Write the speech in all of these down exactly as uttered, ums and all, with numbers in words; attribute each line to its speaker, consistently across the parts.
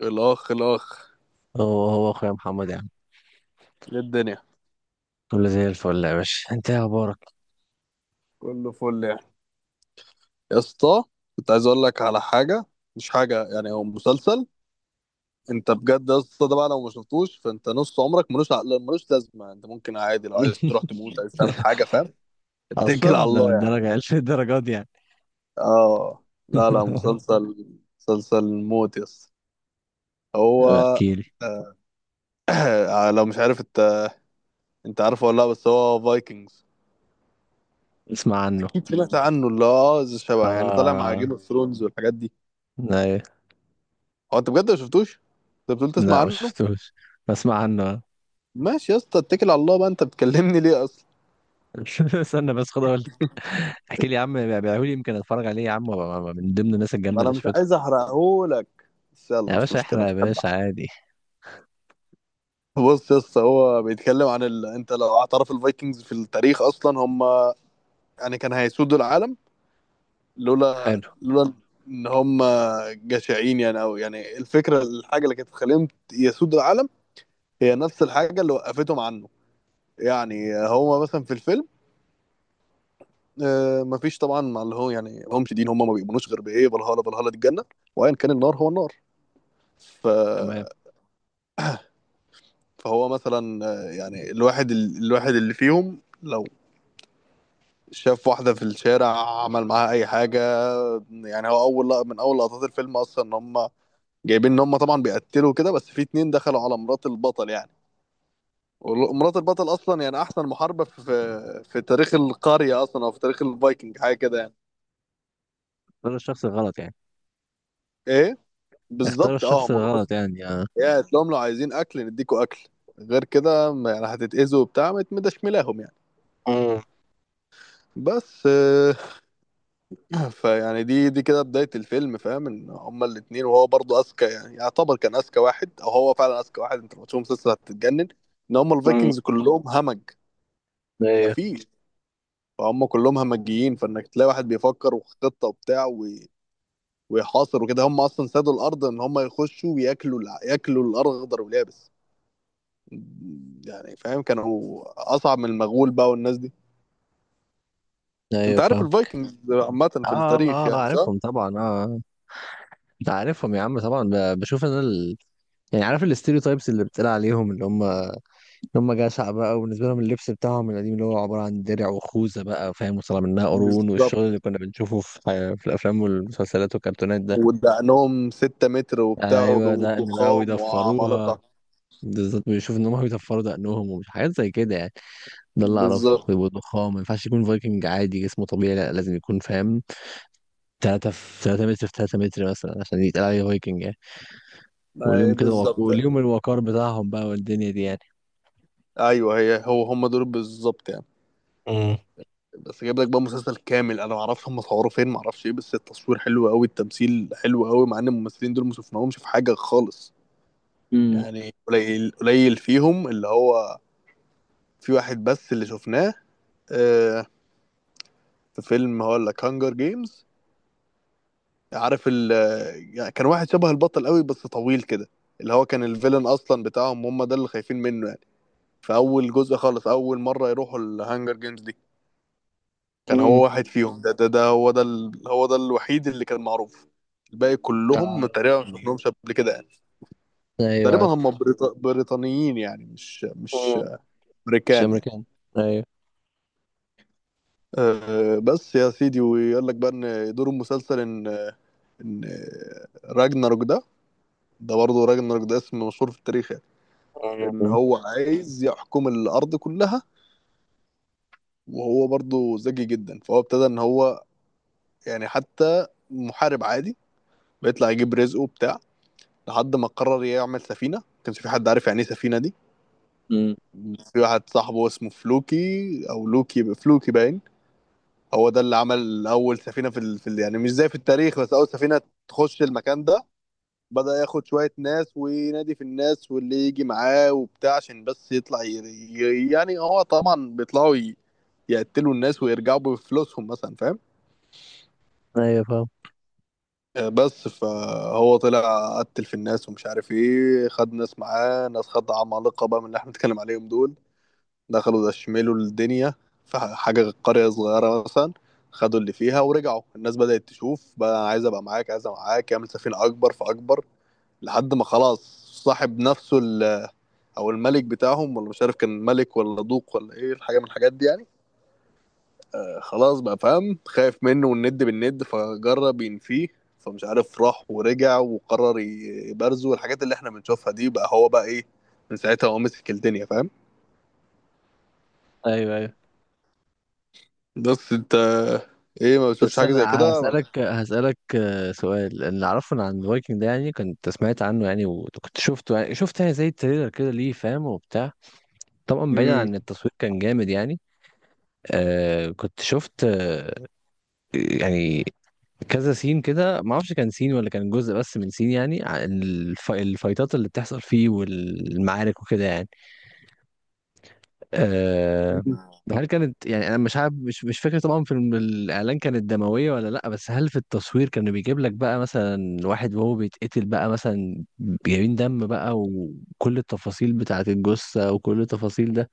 Speaker 1: الاخ الاخ.
Speaker 2: هو هو اخويا محمد يا عم،
Speaker 1: إيه الدنيا؟
Speaker 2: كله زي الفل يا باشا. انت إيه اخبارك؟
Speaker 1: كله فل يعني. يا اسطى، كنت عايز اقول لك على حاجه. مش حاجه، يعني هو مسلسل. انت بجد يا اسطى ده بقى لو ما شفتوش فانت نص عمرك ملوش عقل، ملوش لازمه. انت ممكن عادي لو عايز تروح تموت، عايز تعمل حاجه، فاهم؟ اتكل على
Speaker 2: اصلا ده
Speaker 1: الله يعني.
Speaker 2: للدرجه الف الدرجات دي يعني.
Speaker 1: اه، لا لا مسلسل، مسلسل موت يا اسطى. هو
Speaker 2: احكي لي.
Speaker 1: آه، لو مش عارف انت، انت عارفه ولا لا؟ بس هو فايكنجز.
Speaker 2: اسمع عنه.
Speaker 1: اكيد سمعت عنه، اللي هو اه زي شبه يعني طالع مع
Speaker 2: اه،
Speaker 1: جيم اوف ثرونز والحاجات دي.
Speaker 2: لا إيه؟
Speaker 1: هو انت بجد ما شفتوش؟ انت بتقول تسمع
Speaker 2: لا ما
Speaker 1: عنه.
Speaker 2: شفتوش، بسمع عنه.
Speaker 1: ماشي يا اسطى اتكل على الله بقى، انت بتكلمني ليه اصلا؟
Speaker 2: استنى بس خد اقول لك. احكي لي يا عم، بيعملوا لي يمكن اتفرج عليه يا عم وأبقى من ضمن الناس
Speaker 1: ما
Speaker 2: الجامده
Speaker 1: انا
Speaker 2: اللي
Speaker 1: مش
Speaker 2: شفتهم.
Speaker 1: عايز احرقهولك، بس يلا
Speaker 2: يا
Speaker 1: مش
Speaker 2: باشا احرق
Speaker 1: مشكله،
Speaker 2: يا
Speaker 1: بحب
Speaker 2: باشا
Speaker 1: أحرق.
Speaker 2: عادي.
Speaker 1: بص يا اسطى، هو بيتكلم عن ال... انت لو اعترف، الفايكنجز في التاريخ اصلا هم يعني كان هيسودوا العالم، لولا
Speaker 2: حلو.
Speaker 1: لولا ان هم جشعين، يعني او يعني الفكره، الحاجه اللي كانت تخليهم يسودوا العالم هي نفس الحاجه اللي وقفتهم عنه. يعني هو مثلا في الفيلم، آه، مفيش طبعا، مع اللي هو يعني هم شديد، هم ما بيؤمنوش غير بايه، فالهالا، فالهالا دي الجنه، وايا كان النار هو النار. ف...
Speaker 2: تمام.
Speaker 1: فهو مثلا آه، يعني الواحد ال- الواحد اللي فيهم لو شاف واحده في الشارع، عمل معاها اي حاجه. يعني هو اول لق- من اول لقطات الفيلم اصلا ان هم جايبين ان هم طبعا بيقتلوا كده، بس في اتنين دخلوا على مرات البطل يعني، ومرات البطل اصلا يعني احسن محاربه في في تاريخ القريه اصلا، او في تاريخ الفايكنج، حاجه كده يعني.
Speaker 2: اختار الشخص الغلط يعني.
Speaker 1: ايه
Speaker 2: اختار
Speaker 1: بالظبط، اه
Speaker 2: الشخص
Speaker 1: مرات.
Speaker 2: الغلط يعني، اه.
Speaker 1: يا تلاقيهم لو عايزين اكل نديكوا اكل، غير كده ما- يعني هتتأذوا وبتاع، ما تمدشملاهم يعني.
Speaker 2: امم.
Speaker 1: بس آه، فيعني دي دي كده بداية الفيلم، فاهم ان هما الاتنين، وهو برضه اذكى، يعني يعتبر كان اذكى واحد، او هو فعلا اذكى واحد. انت لو تشوف مسلسل هتتجنن ان هما
Speaker 2: أمم.
Speaker 1: الفايكنجز كلهم همج.
Speaker 2: ايوه.
Speaker 1: مفيش، فهم كلهم همجيين، فانك تلاقي واحد بيفكر وخطة وبتاع و- ويحاصر وكده. هم اصلا سادوا الارض ان هم يخشوا وياكلوا الع- ياكلوا الارغدر واليابس. يعني فاهم، كانوا اصعب من المغول بقى والناس دي.
Speaker 2: ايوه
Speaker 1: انت عارف
Speaker 2: فاهم.
Speaker 1: الفايكنجز عامه في
Speaker 2: اه.
Speaker 1: التاريخ
Speaker 2: اه آه،
Speaker 1: يعني صح؟
Speaker 2: عارفهم طبعا، اه آه. انت عارفهم يا عم طبعا، ب- بشوف انا ال... يعني عارف الاستيريوتايبس اللي بتقال عليهم، اللي هم اللي هم جشع بقى، وبالنسبه لهم اللبس بتاعهم القديم اللي هو عباره عن درع وخوذه بقى، فاهم، وطلع منها قرون
Speaker 1: بالظبط.
Speaker 2: والشغل اللي كنا بنشوفه في في الافلام والمسلسلات والكرتونات ده.
Speaker 1: ودقنهم ستة متر وبتاع،
Speaker 2: ايوه دقن بقى
Speaker 1: وضخام
Speaker 2: ويدفروها،
Speaker 1: وعمالقه.
Speaker 2: بالظبط بيشوف ان هم بيدفروا دقنهم ومش حاجات زي كده يعني. ده اللي اعرفه،
Speaker 1: بالظبط،
Speaker 2: ويبقوا ضخام، ما ينفعش يكون فايكنج عادي جسمه طبيعي، لا لازم يكون فاهم تلاتة في تلاتة متر في ثلاثة متر مثلا عشان يتقال عليه فايكنج يعني. وليهم
Speaker 1: أي
Speaker 2: كده وق...
Speaker 1: بالظبط.
Speaker 2: وليهم الوقار بتاعهم بقى والدنيا دي يعني.
Speaker 1: ايوه هي هو هم دول بالظبط يعني.
Speaker 2: امم.
Speaker 1: بس جايب لك بقى مسلسل كامل، انا ما اعرفش هم صوروه فين، ما اعرفش ايه، بس التصوير حلو قوي، التمثيل حلو قوي، مع ان الممثلين دول ما شفناهمش في حاجه خالص.
Speaker 2: امم.
Speaker 1: يعني قليل قليل فيهم اللي هو في واحد بس اللي شفناه، آه، في فيلم هقول لك، هانجر جيمز، عارف ال، يعني كان واحد شبه البطل قوي، بس طويل كده، اللي هو كان الفيلن اصلا بتاعهم، هم ده اللي خايفين منه يعني. في اول جزء خالص، اول مره يروحوا الهانجر جيمز دي، كان
Speaker 2: امم.
Speaker 1: هو واحد فيهم، ده ده, ده هو ده ال... هو ده الوحيد اللي كان معروف. الباقي كلهم
Speaker 2: آه.
Speaker 1: تقريبا ما
Speaker 2: مم.
Speaker 1: شفناهمش قبل كده يعني.
Speaker 2: ايوه
Speaker 1: تقريبا
Speaker 2: عارف.
Speaker 1: هم بريط... بريطانيين يعني، مش مش
Speaker 2: امم. مش
Speaker 1: امريكان يعني.
Speaker 2: امريكان. ايوه.
Speaker 1: أه بس يا سيدي، ويقول لك بقى ان دور المسلسل ان ان راجناروك ده، ده برضه راجنر ده اسم مشهور في التاريخ يعني،
Speaker 2: أمم.
Speaker 1: ان
Speaker 2: امم.
Speaker 1: هو عايز يحكم الارض كلها. وهو برضه ذكي جدا، فهو ابتدى ان هو يعني حتى محارب عادي بيطلع يجيب رزقه بتاع، لحد ما قرر يعمل سفينه. ما كانش في حد عارف يعني ايه سفينه دي.
Speaker 2: أمم.
Speaker 1: في واحد صاحبه اسمه فلوكي، او لوكي، فلوكي باين، هو ده اللي عمل اول سفينه في, ال... في ال... يعني مش زي في التاريخ، بس اول سفينه تخش المكان ده. بدأ ياخد شوية ناس وينادي في الناس واللي يجي معاه وبتاع، عشان بس يطلع ي... ي- يعني هو طبعا بيطلعوا ي... يقتلوا الناس ويرجعوا بفلوسهم مثلا، فاهم.
Speaker 2: ايوه فاهم.
Speaker 1: آه، بس فهو طلع قتل في الناس ومش عارف ايه، خد ناس معاه، ناس خد عمالقة بقى من اللي احنا بنتكلم عليهم دول. دخلوا دشملوا الدنيا، في ح- حاجة قرية صغيرة مثلا، خدوا اللي فيها ورجعوا. الناس بدأت تشوف بقى، أنا عايز ابقى معاك، عايز ابقى معاك، يعمل سفينة اكبر فاكبر، لحد ما خلاص صاحب نفسه ال، او الملك بتاعهم، ولا مش عارف كان ملك ولا دوق ولا ايه، الحاجه من الحاجات دي يعني. آه، خلاص بقى فاهم، خايف منه، والند بالند، فجرب ينفيه، فمش عارف راح ورجع وقرر ي- يبرزه، والحاجات اللي احنا بنشوفها دي بقى هو بقى ايه، من ساعتها هو مسك الدنيا فاهم.
Speaker 2: ايوه ايوه.
Speaker 1: بس انت ايه، ما بتشوفش
Speaker 2: بس
Speaker 1: حاجه
Speaker 2: انا
Speaker 1: زي كده.
Speaker 2: هسألك هسألك آه، سؤال. اللي اعرفه عن الفايكنج ده، يعني كنت سمعت عنه يعني، وكنت شفته يعني، شفت يعني زي التريلر كده ليه فاهم وبتاع. طبعا بعيدا
Speaker 1: امم.
Speaker 2: عن التصوير كان جامد يعني. آه كنت شفت آه. يعني كذا سين كده ما اعرفش كان سين ولا كان جزء بس من سين، يعني عن الف... الفايتات اللي بتحصل فيه والمعارك وكده يعني. أه... هل كانت يعني انا مش عارف، مش مش فاكر طبعا في الم- الاعلان كانت دمويه ولا لا، بس هل في التصوير كانوا بيجيب لك بقى مثلا واحد وهو بيتقتل بقى مثلا، جايبين دم بقى وكل التفاصيل بتاعه الجثه وكل التفاصيل ده،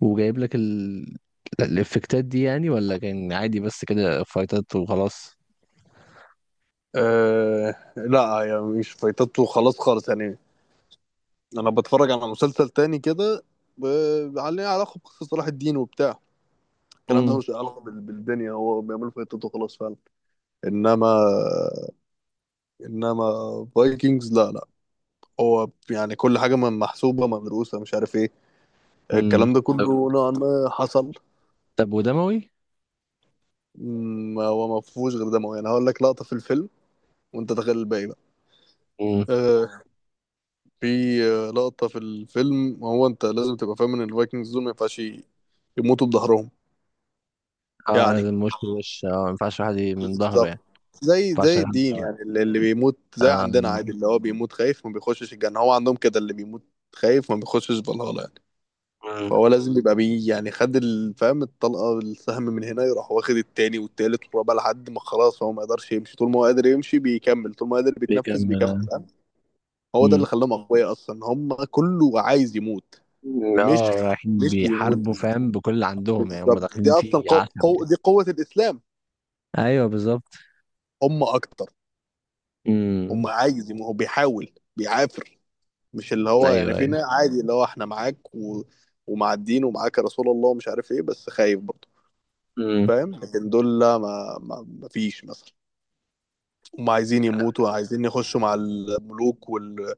Speaker 2: وجايب لك ال... الافكتات دي يعني، ولا كان عادي بس كده فايتات وخلاص؟
Speaker 1: آه لا، يعني مش فايتته خلاص خالص يعني. انا بتفرج على مسلسل تاني كده ب- عليه علاقه بقصه صلاح الدين وبتاع، الكلام ده ملوش علاقه بال- بالدنيا، هو بيعملوا فايتته خلاص فعلا. انما، انما فايكنجز لا لا، هو يعني كل حاجه من- محسوبه مدروسه مش عارف ايه،
Speaker 2: امم.
Speaker 1: الكلام ده كله نوعا ما حصل.
Speaker 2: طب ودموي؟
Speaker 1: م- هو ما فيهوش غير دموي، يعني هقول لك لقطه في الفيلم وانت تخيل الباقي بقى.
Speaker 2: مم.
Speaker 1: آه، في آه، لقطه في الفيلم. هو انت لازم تبقى فاهم ان الفايكنجز دول ما ينفعش ي- يموتوا بظهرهم.
Speaker 2: اه
Speaker 1: يعني
Speaker 2: لازم وش لوش، اه ما ينفعش واحد ي- من ظهره
Speaker 1: بالظبط،
Speaker 2: يعني. ما
Speaker 1: زي
Speaker 2: ينفعش
Speaker 1: زي
Speaker 2: أغني
Speaker 1: الدين
Speaker 2: دلوقتي.
Speaker 1: يعني، اللي اللي بيموت زي عندنا
Speaker 2: آه.
Speaker 1: عادي اللي هو بيموت خايف، ما بيخشش الجنة. هو عندهم كده، اللي بيموت خايف ما بيخشش فالهالا يعني.
Speaker 2: مم.
Speaker 1: فهو لازم يبقى بي، يعني خد ال- فاهم الطلقة، السهم من هنا، يروح واخد التاني والتالت والرابع، لحد ما خلاص هو ما يقدرش يمشي، طول ما هو قادر يمشي بيكمل، طول ما قادر بيتنفس بيكمل
Speaker 2: بيكمل.
Speaker 1: فاهم. هو ده اللي
Speaker 2: امم.
Speaker 1: خلاهم أقوياء أصلا، هم كله عايز يموت،
Speaker 2: اه
Speaker 1: مش،
Speaker 2: رايحين
Speaker 1: مش بيموت.
Speaker 2: بيحاربوا فاهم بكل اللي عندهم يعني، هم
Speaker 1: بالظبط،
Speaker 2: داخلين
Speaker 1: دي أصلا
Speaker 2: فيه
Speaker 1: قو...
Speaker 2: عشم
Speaker 1: قو...
Speaker 2: يعني.
Speaker 1: دي قوة الإسلام.
Speaker 2: ايوه بالظبط.
Speaker 1: هم أكتر،
Speaker 2: امم.
Speaker 1: هم عايز يموت، هو بيحاول بيعافر. مش اللي هو يعني
Speaker 2: ايوه
Speaker 1: في
Speaker 2: ايوه.
Speaker 1: ناس عادي، اللي هو احنا معاك و... ومع الدين ومعاك يا رسول الله ومش عارف ايه، بس خايف برضه
Speaker 2: امم.
Speaker 1: فاهم. لكن دول لا، ما ما ما فيش مثلا، هم عايزين يموتوا، عايزين يخشوا مع الملوك وال...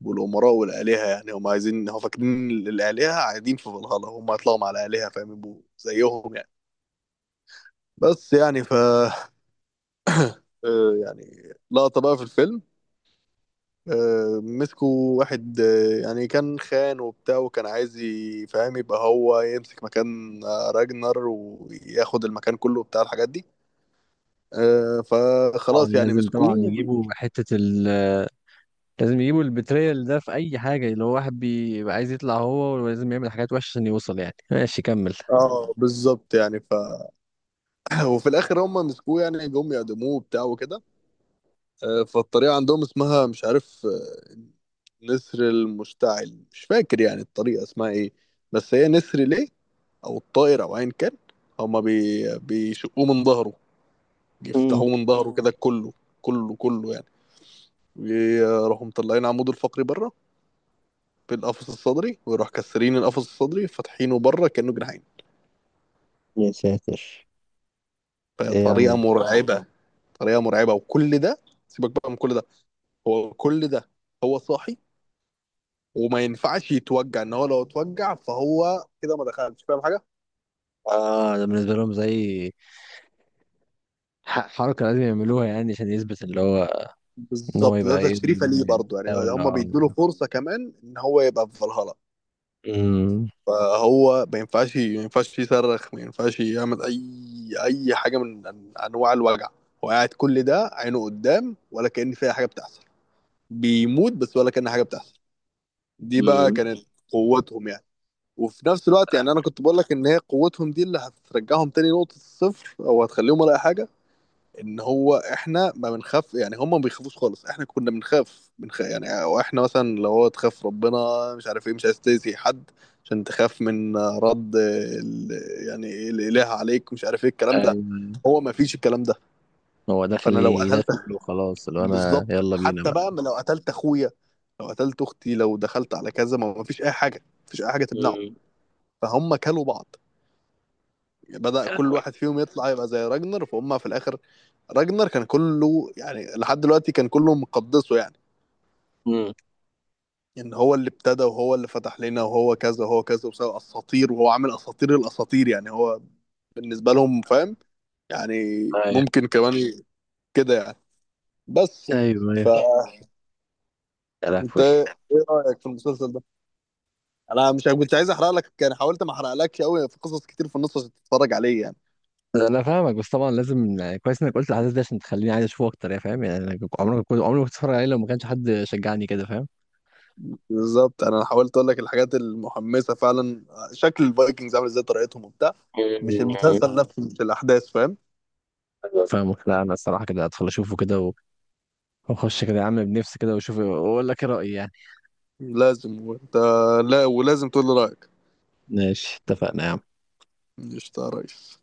Speaker 1: والامراء والالهه يعني. هم عايزين، هم فاكرين الالهه قاعدين في فالهالا، هم هيطلعوا مع الالهه فاهم، يبقوا زيهم يعني. بس يعني ف، آه، يعني لقطه بقى في الفيلم، آه، مسكوا واحد، آه، يعني كان خان وبتاع، وكان عايز ي- فاهم يبقى هو يمسك مكان آه، راجنر، وياخد المكان كله بتاع الحاجات دي. آه،
Speaker 2: طبعا
Speaker 1: فخلاص يعني
Speaker 2: لازم، طبعا
Speaker 1: مسكوه.
Speaker 2: يجيبوا حتة ال، لازم يجيبوا البتريال ده في أي حاجة، اللي هو واحد بيبقى عايز يطلع هو، ولازم يعمل حاجات وحشة عشان يوصل يعني. ماشي كمل.
Speaker 1: اه بالظبط يعني ف وفي الاخر هم مسكوه، يعني جم يعدموه وبتاع وكده. آه، فالطريقه عندهم اسمها مش عارف، آه، نسر المشتعل مش فاكر، يعني الطريقه اسمها ايه، بس هي نسر ليه، او الطائر، او ايا كان. هما بي... بيشقوه من ظهره،
Speaker 2: امم.
Speaker 1: يفتحوه من ظهره كده كله، كله كله يعني، يروحوا مطلعين عموده الفقري بره بالقفص الصدري، ويروح كسرين القفص الصدري فاتحينه بره كأنه جناحين.
Speaker 2: يا ساتر. ايه يا عم.
Speaker 1: فطريقة مرعبة، طريقة مرعبة. وكل ده سيبك بقى من كل ده، هو كل ده هو صاحي، وما ينفعش يتوجع، ان هو لو اتوجع فهو كده ما دخلش فاهم حاجه.
Speaker 2: اه ده بالنسبة لهم زي ح- حركة لازم يعملوها يعني عشان يثبت اللي هو. ان هو
Speaker 1: بالظبط،
Speaker 2: يبقى
Speaker 1: ده
Speaker 2: ايه؟
Speaker 1: تشريفه ليه برضه يعني، هم
Speaker 2: ولا.
Speaker 1: بيدوا له فرصه كمان ان هو يبقى في فالهالا.
Speaker 2: امم.
Speaker 1: فهو ما ينفعش، ما ينفعش يصرخ، ما ينفعش يعمل اي، اي حاجه من أن- انواع الوجع. هو قاعد كل ده عينه قدام، ولا كأن فيها حاجه بتحصل، بيموت بس ولا كأن حاجه بتحصل. دي بقى
Speaker 2: امم.
Speaker 1: كانت قوتهم يعني. وفي نفس الوقت يعني انا كنت بقول لك ان هي قوتهم دي اللي هترجعهم تاني نقطه الصفر، او هتخليهم ولا أي حاجه، ان هو احنا ما بنخاف يعني، هم ما بيخافوش خالص. احنا كنا بنخاف، بنخ... يعني، او احنا مثلا لو هو تخاف ربنا، مش عارف ايه، مش عايز تأذي حد عشان تخاف من رد ال... يعني إيه الاله عليك مش عارف ايه الكلام
Speaker 2: ايوه
Speaker 1: ده.
Speaker 2: أيوه.
Speaker 1: هو ما فيش الكلام ده.
Speaker 2: هو داخل
Speaker 1: فانا لو قتلت،
Speaker 2: يدخل وخلاص، اللي هو انا
Speaker 1: بالظبط
Speaker 2: يلا بينا
Speaker 1: حتى
Speaker 2: بقى.
Speaker 1: بقى ما لو قتلت اخويا، لو قتلت اختي، لو دخلت على كذا، ما ما فيش اي حاجه، ما فيش اي حاجه تمنعه.
Speaker 2: امم.
Speaker 1: فهم كلوا بعض، بدأ
Speaker 2: يا
Speaker 1: كل
Speaker 2: لهوي.
Speaker 1: واحد فيهم يطلع يبقى زي راجنر، فهم في الاخر راجنر كان كله يعني لحد دلوقتي كان كله مقدسه يعني،
Speaker 2: امم.
Speaker 1: ان يعني هو اللي ابتدى، وهو اللي فتح لنا، وهو كذا وهو كذا، وسوى اساطير، وهو عامل اساطير الاساطير يعني، هو بالنسبه لهم فاهم يعني.
Speaker 2: ايوه
Speaker 1: ممكن كمان كده يعني.
Speaker 2: ايوه.
Speaker 1: بس
Speaker 2: ايوه.
Speaker 1: فانت،
Speaker 2: يا لهوي.
Speaker 1: ايه رايك في المسلسل ده؟ انا مش كنت عايز احرق لك يعني، حاولت ما احرقلكش قوي، في قصص كتير في النص عشان تتفرج عليه يعني.
Speaker 2: انا فاهمك، بس طبعا لازم يعني كويس انك قلت الحدث ده عشان تخليني عايز اشوفه اكتر يعني فاهم، يعني انا كنت- عمري ما كنت عمري ما كنت اتفرج عليه لو ما كانش حد شجعني كده فاهم.
Speaker 1: بالظبط انا حاولت اقول لك الحاجات المحمسه فعلا، شكل الفايكنجز عامل ازاي، طريقتهم وبتاع، مش
Speaker 2: مم.
Speaker 1: المسلسل اه نفسه، مش الاحداث فاهم.
Speaker 2: فاهم. لا انا الصراحه كده ادخل اشوفه كده، نخش كده يا عم بنفسي كده واشوف واقول لك ايه رأيي يعني.
Speaker 1: لازم، وانت لا، ولازم تقول لي رايك.
Speaker 2: ماشي اتفقنا يا عم.
Speaker 1: قشطة يا ريس.